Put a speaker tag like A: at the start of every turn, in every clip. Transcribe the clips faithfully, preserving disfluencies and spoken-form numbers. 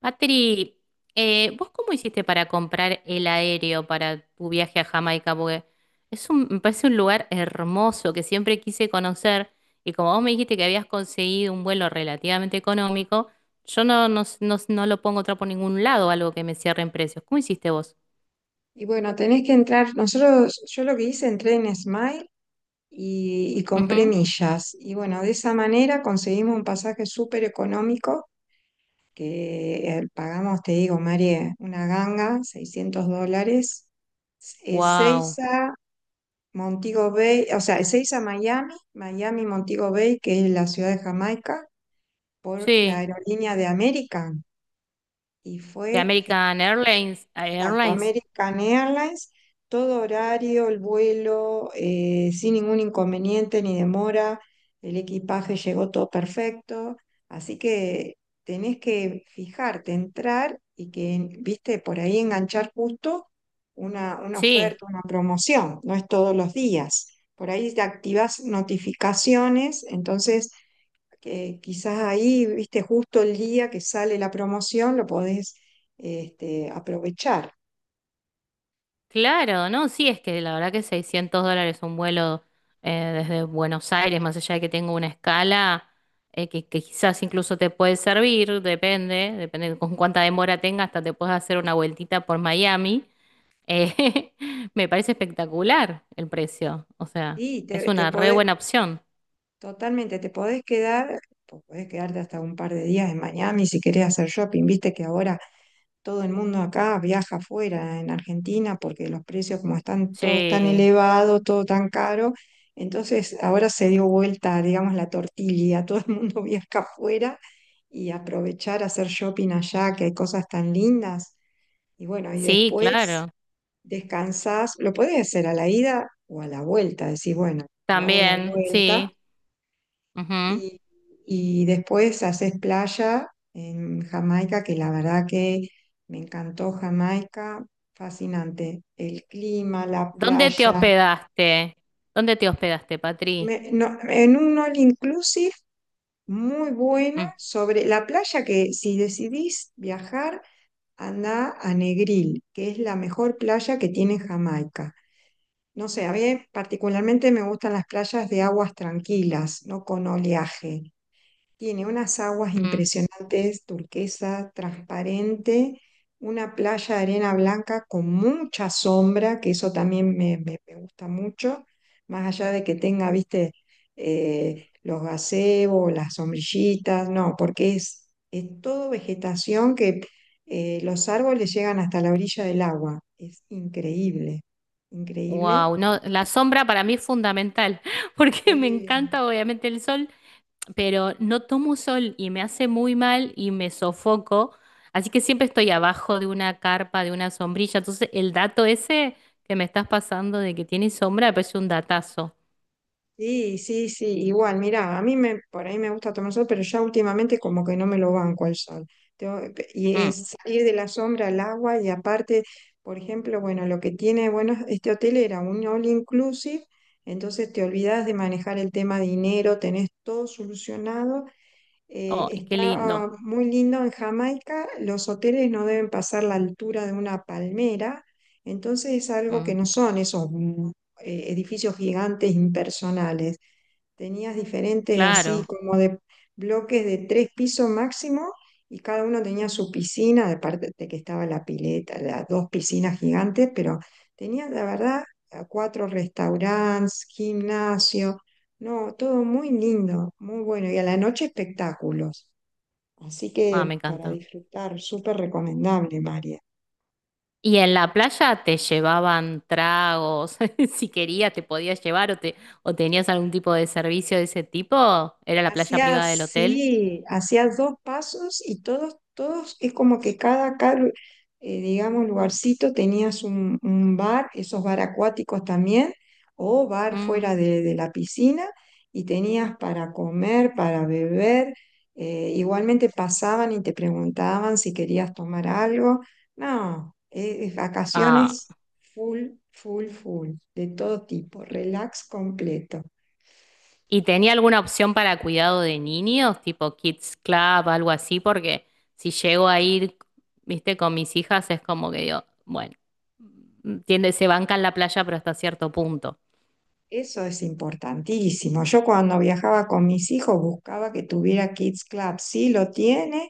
A: Patri, eh, ¿vos cómo hiciste para comprar el aéreo para tu viaje a Jamaica? Porque es un, me parece un lugar hermoso que siempre quise conocer y como vos me dijiste que habías conseguido un vuelo relativamente económico, yo no, no, s- no s- no lo pongo otra por ningún lado, algo que me cierre en precios. ¿Cómo hiciste vos?
B: Y bueno, tenés que entrar, nosotros, yo lo que hice, entré en Smile y, y compré millas. Y bueno, de esa manera conseguimos un pasaje súper económico, que eh, pagamos, te digo, María, una ganga, seiscientos dólares, eh,
A: Wow,
B: Ezeiza, Montego Bay, o sea, Ezeiza, Miami, Miami, Montego Bay, que es la ciudad de Jamaica, por la
A: sí,
B: aerolínea de American. Y
A: de
B: fue.
A: American Airlines,
B: Exacto,
A: Airlines,
B: American Airlines, todo horario, el vuelo, eh, sin ningún inconveniente ni demora, el equipaje llegó todo perfecto, así que tenés que fijarte, entrar y que, viste, por ahí enganchar justo una, una
A: sí.
B: oferta, una promoción, no es todos los días. Por ahí te activas notificaciones, entonces que quizás ahí, viste, justo el día que sale la promoción lo podés este, aprovechar.
A: Claro, no, sí, es que la verdad que seiscientos dólares un vuelo eh, desde Buenos Aires, más allá de que tenga una escala eh, que, que quizás incluso te puede servir, depende, depende de con cuánta demora tenga, hasta te puedes hacer una vueltita por Miami. Eh, Me parece espectacular el precio, o sea,
B: Sí,
A: es
B: te, te
A: una re
B: podés,
A: buena opción.
B: totalmente, te podés quedar, po- podés quedarte hasta un par de días en Miami si querés hacer shopping. Viste que ahora todo el mundo acá viaja afuera en Argentina porque los precios como están todos tan
A: Sí,
B: elevados, todo tan caro. Entonces ahora se dio vuelta, digamos, la tortilla, todo el mundo viaja afuera y aprovechar hacer shopping allá, que hay cosas tan lindas. Y bueno, y
A: sí,
B: después
A: claro,
B: descansás, lo podés hacer a la ida o a la vuelta, decís, bueno, lo hago a la
A: también,
B: vuelta.
A: sí. Ujú.
B: Y, y después haces playa en Jamaica, que la verdad que me encantó Jamaica, fascinante. El clima, la
A: ¿Dónde te
B: playa.
A: hospedaste? ¿Dónde te hospedaste, Patri?
B: Me- no, en un all inclusive muy bueno
A: Mm,
B: sobre la playa. Que si decidís viajar, anda a Negril, que es la mejor playa que tiene Jamaica. No sé, a mí particularmente me gustan las playas de aguas tranquilas, no con oleaje. Tiene unas aguas
A: mm.
B: impresionantes, turquesa, transparente, una playa de arena blanca con mucha sombra, que eso también me, me- me gusta mucho, más allá de que tenga, viste, eh, los gazebos, las sombrillitas, no, porque es, es todo vegetación que eh, los árboles llegan hasta la orilla del agua. Es increíble, increíble.
A: Wow, no, la sombra para mí es fundamental, porque me
B: Sí.
A: encanta obviamente el sol, pero no tomo sol y me hace muy mal y me sofoco, así que siempre estoy abajo de una carpa, de una sombrilla, entonces el dato ese que me estás pasando de que tiene sombra me parece un datazo.
B: Sí, sí, sí, igual, mirá, a mí me, por ahí me gusta tomar sol, pero ya últimamente como que no me lo banco al sol. Tengo- y
A: Mm.
B: es salir de la sombra al agua y aparte, por ejemplo, bueno, lo que tiene, bueno, este hotel era un all inclusive, entonces te olvidas de manejar el tema dinero, tenés todo solucionado. Eh,
A: Oh, qué
B: está
A: lindo.
B: ah, muy lindo en Jamaica, los hoteles no deben pasar la altura de una palmera, entonces es algo que
A: Mm,
B: no son esos... mm, eh, edificios gigantes impersonales. Tenías diferentes así
A: claro,
B: como de bloques de tres pisos máximo y cada uno tenía su piscina, aparte de que estaba la pileta, las dos piscinas gigantes, pero tenía la verdad a cuatro restaurantes, gimnasio, no, todo muy lindo, muy bueno y a la noche espectáculos. Así
A: ah, me
B: que para
A: encanta.
B: disfrutar, súper recomendable, María.
A: Y en la playa te llevaban tragos, si querías te podías llevar o te o tenías algún tipo de servicio de ese tipo, era la playa
B: Hacía
A: privada del hotel.
B: así, hacía dos pasos y todos, todos, es como que cada, cada eh, digamos, lugarcito tenías un, un bar, esos bar acuáticos también, o bar fuera
A: Mm,
B: de, de la piscina, y tenías para comer, para beber. Eh, igualmente pasaban y te preguntaban si querías tomar algo. No, eh, es
A: ah.
B: vacaciones full, full, full, de todo tipo, relax completo.
A: ¿Y tenía alguna opción para cuidado de niños, tipo Kids Club, algo así? Porque si llego a ir, viste, con mis hijas es como que digo, bueno, mm, tiende, se banca en la playa, pero hasta cierto punto.
B: Eso es importantísimo. Yo cuando viajaba con mis hijos buscaba que tuviera Kids Club. Sí lo tiene,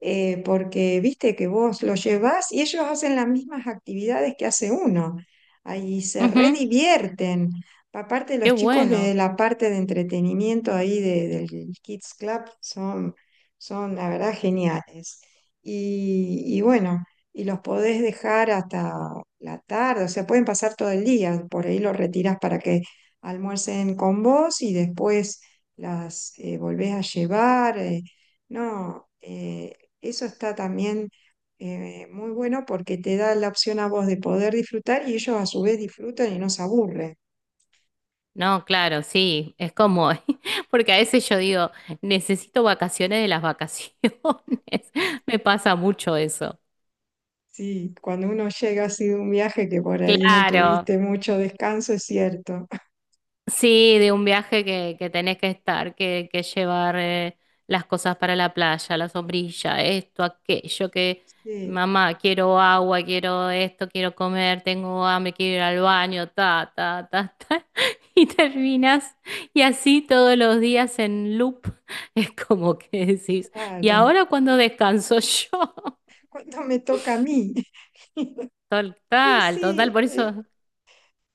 B: eh, porque viste que vos lo llevas y ellos hacen las mismas actividades que hace uno. Ahí se
A: Ujú,
B: redivierten. Aparte,
A: qué
B: los chicos de
A: bueno.
B: la parte de entretenimiento ahí de- del Kids Club son, son, la verdad, geniales. Y, y bueno, y los podés dejar hasta la tarde, o sea, pueden pasar todo el día. Por ahí los retirás para que almuercen con vos y después las eh, volvés a llevar. Eh, no, eh, Eso está también eh, muy bueno porque te da la opción a vos de poder disfrutar y ellos a su vez disfrutan y no se aburren.
A: No, claro, sí, es como, porque a veces yo digo, necesito vacaciones de las vacaciones, me pasa mucho eso.
B: Sí, cuando uno llega así de un viaje que por ahí no
A: Claro,
B: tuviste mucho descanso, es cierto.
A: sí, de un viaje que, que tenés que estar, que, que llevar eh, las cosas para la playa, la sombrilla, esto, aquello, que
B: Sí,
A: mamá, quiero agua, quiero esto, quiero comer, tengo hambre, quiero ir al baño, ta, ta, ta, ta. Y terminas, y así todos los días en loop, es como que decís, ¿y
B: claro.
A: ahora cuando descanso yo?
B: Cuando me toca a mí. Sí,
A: Total, total,
B: sí,
A: por
B: eh,
A: eso,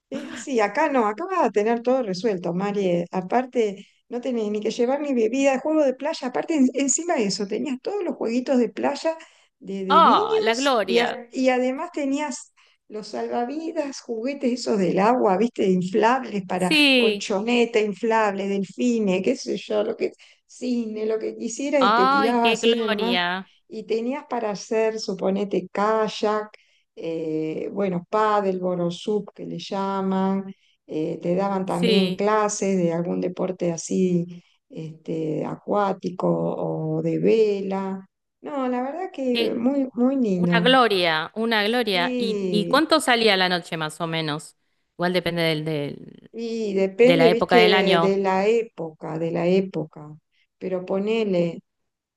B: Es así, acá no, acá vas a tener todo resuelto, Mari. Eh, Aparte, no tenés ni que llevar ni bebida, juego de playa. Aparte, en- encima de eso, tenías todos los jueguitos de playa de, de
A: ¡ah, la
B: niños y,
A: gloria!
B: a- y además tenías los salvavidas, juguetes esos del agua, viste, inflables para
A: Sí,
B: colchoneta, inflable, delfines, qué sé yo, lo que, cine, lo que quisieras y te
A: ¡ay,
B: tirabas
A: qué
B: así en el mar.
A: gloria!
B: Y tenías para hacer, suponete, kayak, eh, bueno, pádel, borosub que le llaman, eh, te daban también
A: Sí,
B: clases de algún deporte así este, acuático o de vela. No, la verdad que
A: qué,
B: muy, muy
A: una
B: lindo.
A: gloria, una gloria. ¿Y, y
B: Y,
A: cuánto salía la noche más o menos? Igual depende del, del,
B: y
A: de
B: depende,
A: la época del
B: viste, de
A: año.
B: la época, de la época. Pero ponele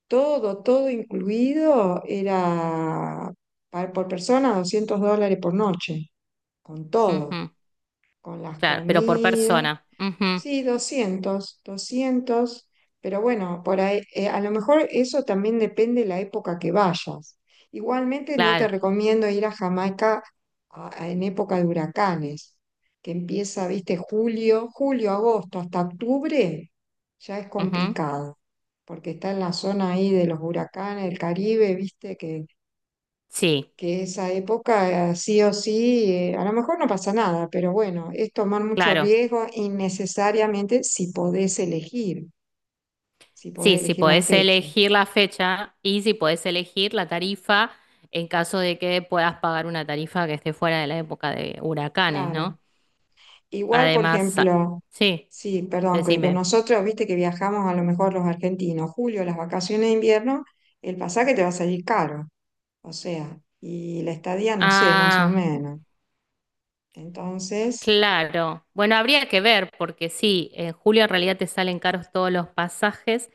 B: todo, todo incluido, era pa- por persona doscientos dólares por noche, con todo,
A: Ujú,
B: con las
A: claro, pero por
B: comidas.
A: persona. Ujú,
B: Sí, doscientos, doscientos, pero bueno, por ahí, eh, a lo mejor eso también depende de la época que vayas. Igualmente no te
A: claro.
B: recomiendo ir a Jamaica a- a- en época de huracanes, que empieza, viste, julio, julio, agosto, hasta octubre, ya es
A: Ujú,
B: complicado, porque está en la zona ahí de los huracanes, del Caribe, viste, que
A: sí,
B: que esa época eh, sí o sí, eh, a lo mejor no pasa nada, pero bueno, es tomar mucho
A: claro.
B: riesgo innecesariamente si podés elegir, si podés
A: Sí, si
B: elegir la
A: podés
B: fecha,
A: elegir la fecha y si podés elegir la tarifa en caso de que puedas pagar una tarifa que esté fuera de la época de huracanes,
B: claro.
A: ¿no?
B: Igual, por
A: Además, sa-
B: ejemplo,
A: sí,
B: sí, perdón, que con
A: decime.
B: nosotros, viste que viajamos a lo mejor los argentinos, julio, las vacaciones de invierno, el pasaje te va a salir caro, o sea, y la estadía, no sé, más o
A: Ah.
B: menos. Entonces,
A: Claro, bueno, habría que ver, porque sí, en julio en realidad te salen caros todos los pasajes,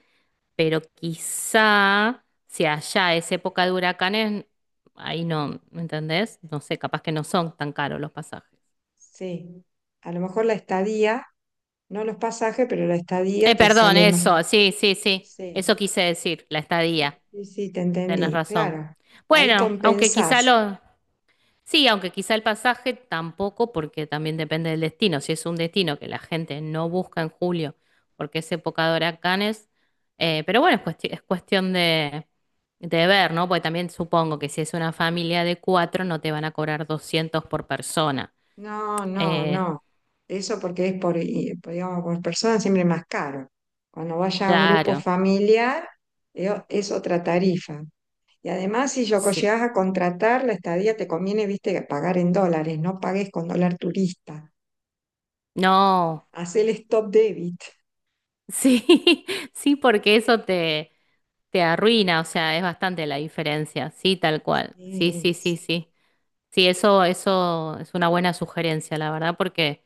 A: pero quizá si allá es época de huracanes, ahí no, ¿me entendés? No sé, capaz que no son tan caros los pasajes.
B: sí, a lo mejor la estadía... No los pasajes, pero la estadía
A: Eh,
B: te
A: perdón,
B: sale más.
A: eso, sí, sí, sí, eso
B: Sí,
A: quise decir, la
B: sí,
A: estadía,
B: sí, sí, te
A: tenés
B: entendí,
A: razón.
B: claro. Ahí
A: Bueno, aunque quizá
B: compensás.
A: los, sí, aunque quizá el pasaje tampoco, porque también depende del destino. Si es un destino que la gente no busca en julio, porque es época de huracanes, eh, pero bueno, es, cuesti- es cuestión de, de ver, ¿no? Porque también supongo que si es una familia de cuatro, no te van a cobrar doscientos por persona.
B: No, no,
A: Eh,
B: no. Eso porque es por, y- por, digamos, por persona siempre más caro. Cuando vaya a un grupo
A: claro,
B: familiar, eh, es otra tarifa. Y además, si yo co-
A: sí.
B: llegas a contratar la estadía, te conviene, viste, pagar en dólares, no pagues con dólar turista.
A: No,
B: Haz el stop debit.
A: sí, sí, porque eso te, te arruina, o sea, es bastante la diferencia. Sí, tal cual. Sí,
B: Sí.
A: sí, sí, sí. Sí, eso, eso es una buena sugerencia, la verdad, porque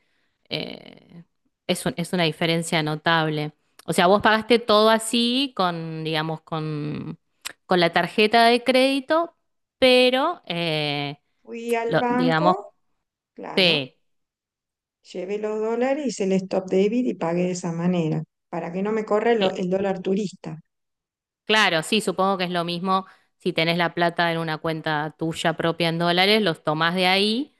A: eh, es un, es una diferencia notable. O sea, vos pagaste todo así con, digamos, con, con la tarjeta de crédito, pero, eh,
B: Fui al
A: lo, digamos,
B: banco, claro.
A: sí,
B: Llevé los dólares, hice el stop debit y pagué de esa manera, para que no me corra
A: cl-
B: lo- el dólar turista.
A: claro, sí, supongo que es lo mismo si tenés la plata en una cuenta tuya propia en dólares, los tomás de ahí.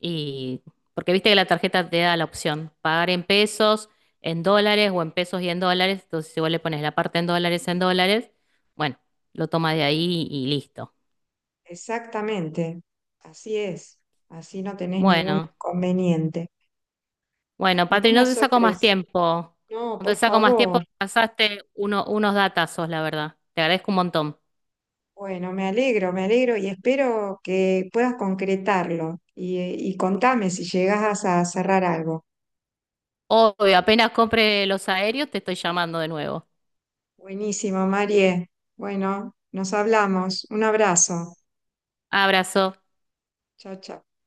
A: Y porque viste que la tarjeta te da la opción, pagar en pesos, en dólares o en pesos y en dólares. Entonces, si vos le pones la parte en dólares, en dólares, bueno, lo toma de ahí y listo.
B: Exactamente, así es, así no tenés ningún
A: Bueno,
B: inconveniente,
A: bueno, Patri,
B: ninguna
A: no te saco más
B: sorpresa.
A: tiempo.
B: No,
A: No te
B: por
A: saco más tiempo,
B: favor.
A: pasaste uno- unos datazos, la verdad. Te agradezco un montón.
B: Bueno, me alegro, me alegro y espero que puedas concretarlo y, eh, y contame si llegas a cerrar algo.
A: Obvio, apenas compre los aéreos, te estoy llamando de nuevo.
B: Buenísimo, Marie. Bueno, nos hablamos. Un abrazo.
A: Abrazo.
B: Chao, chao.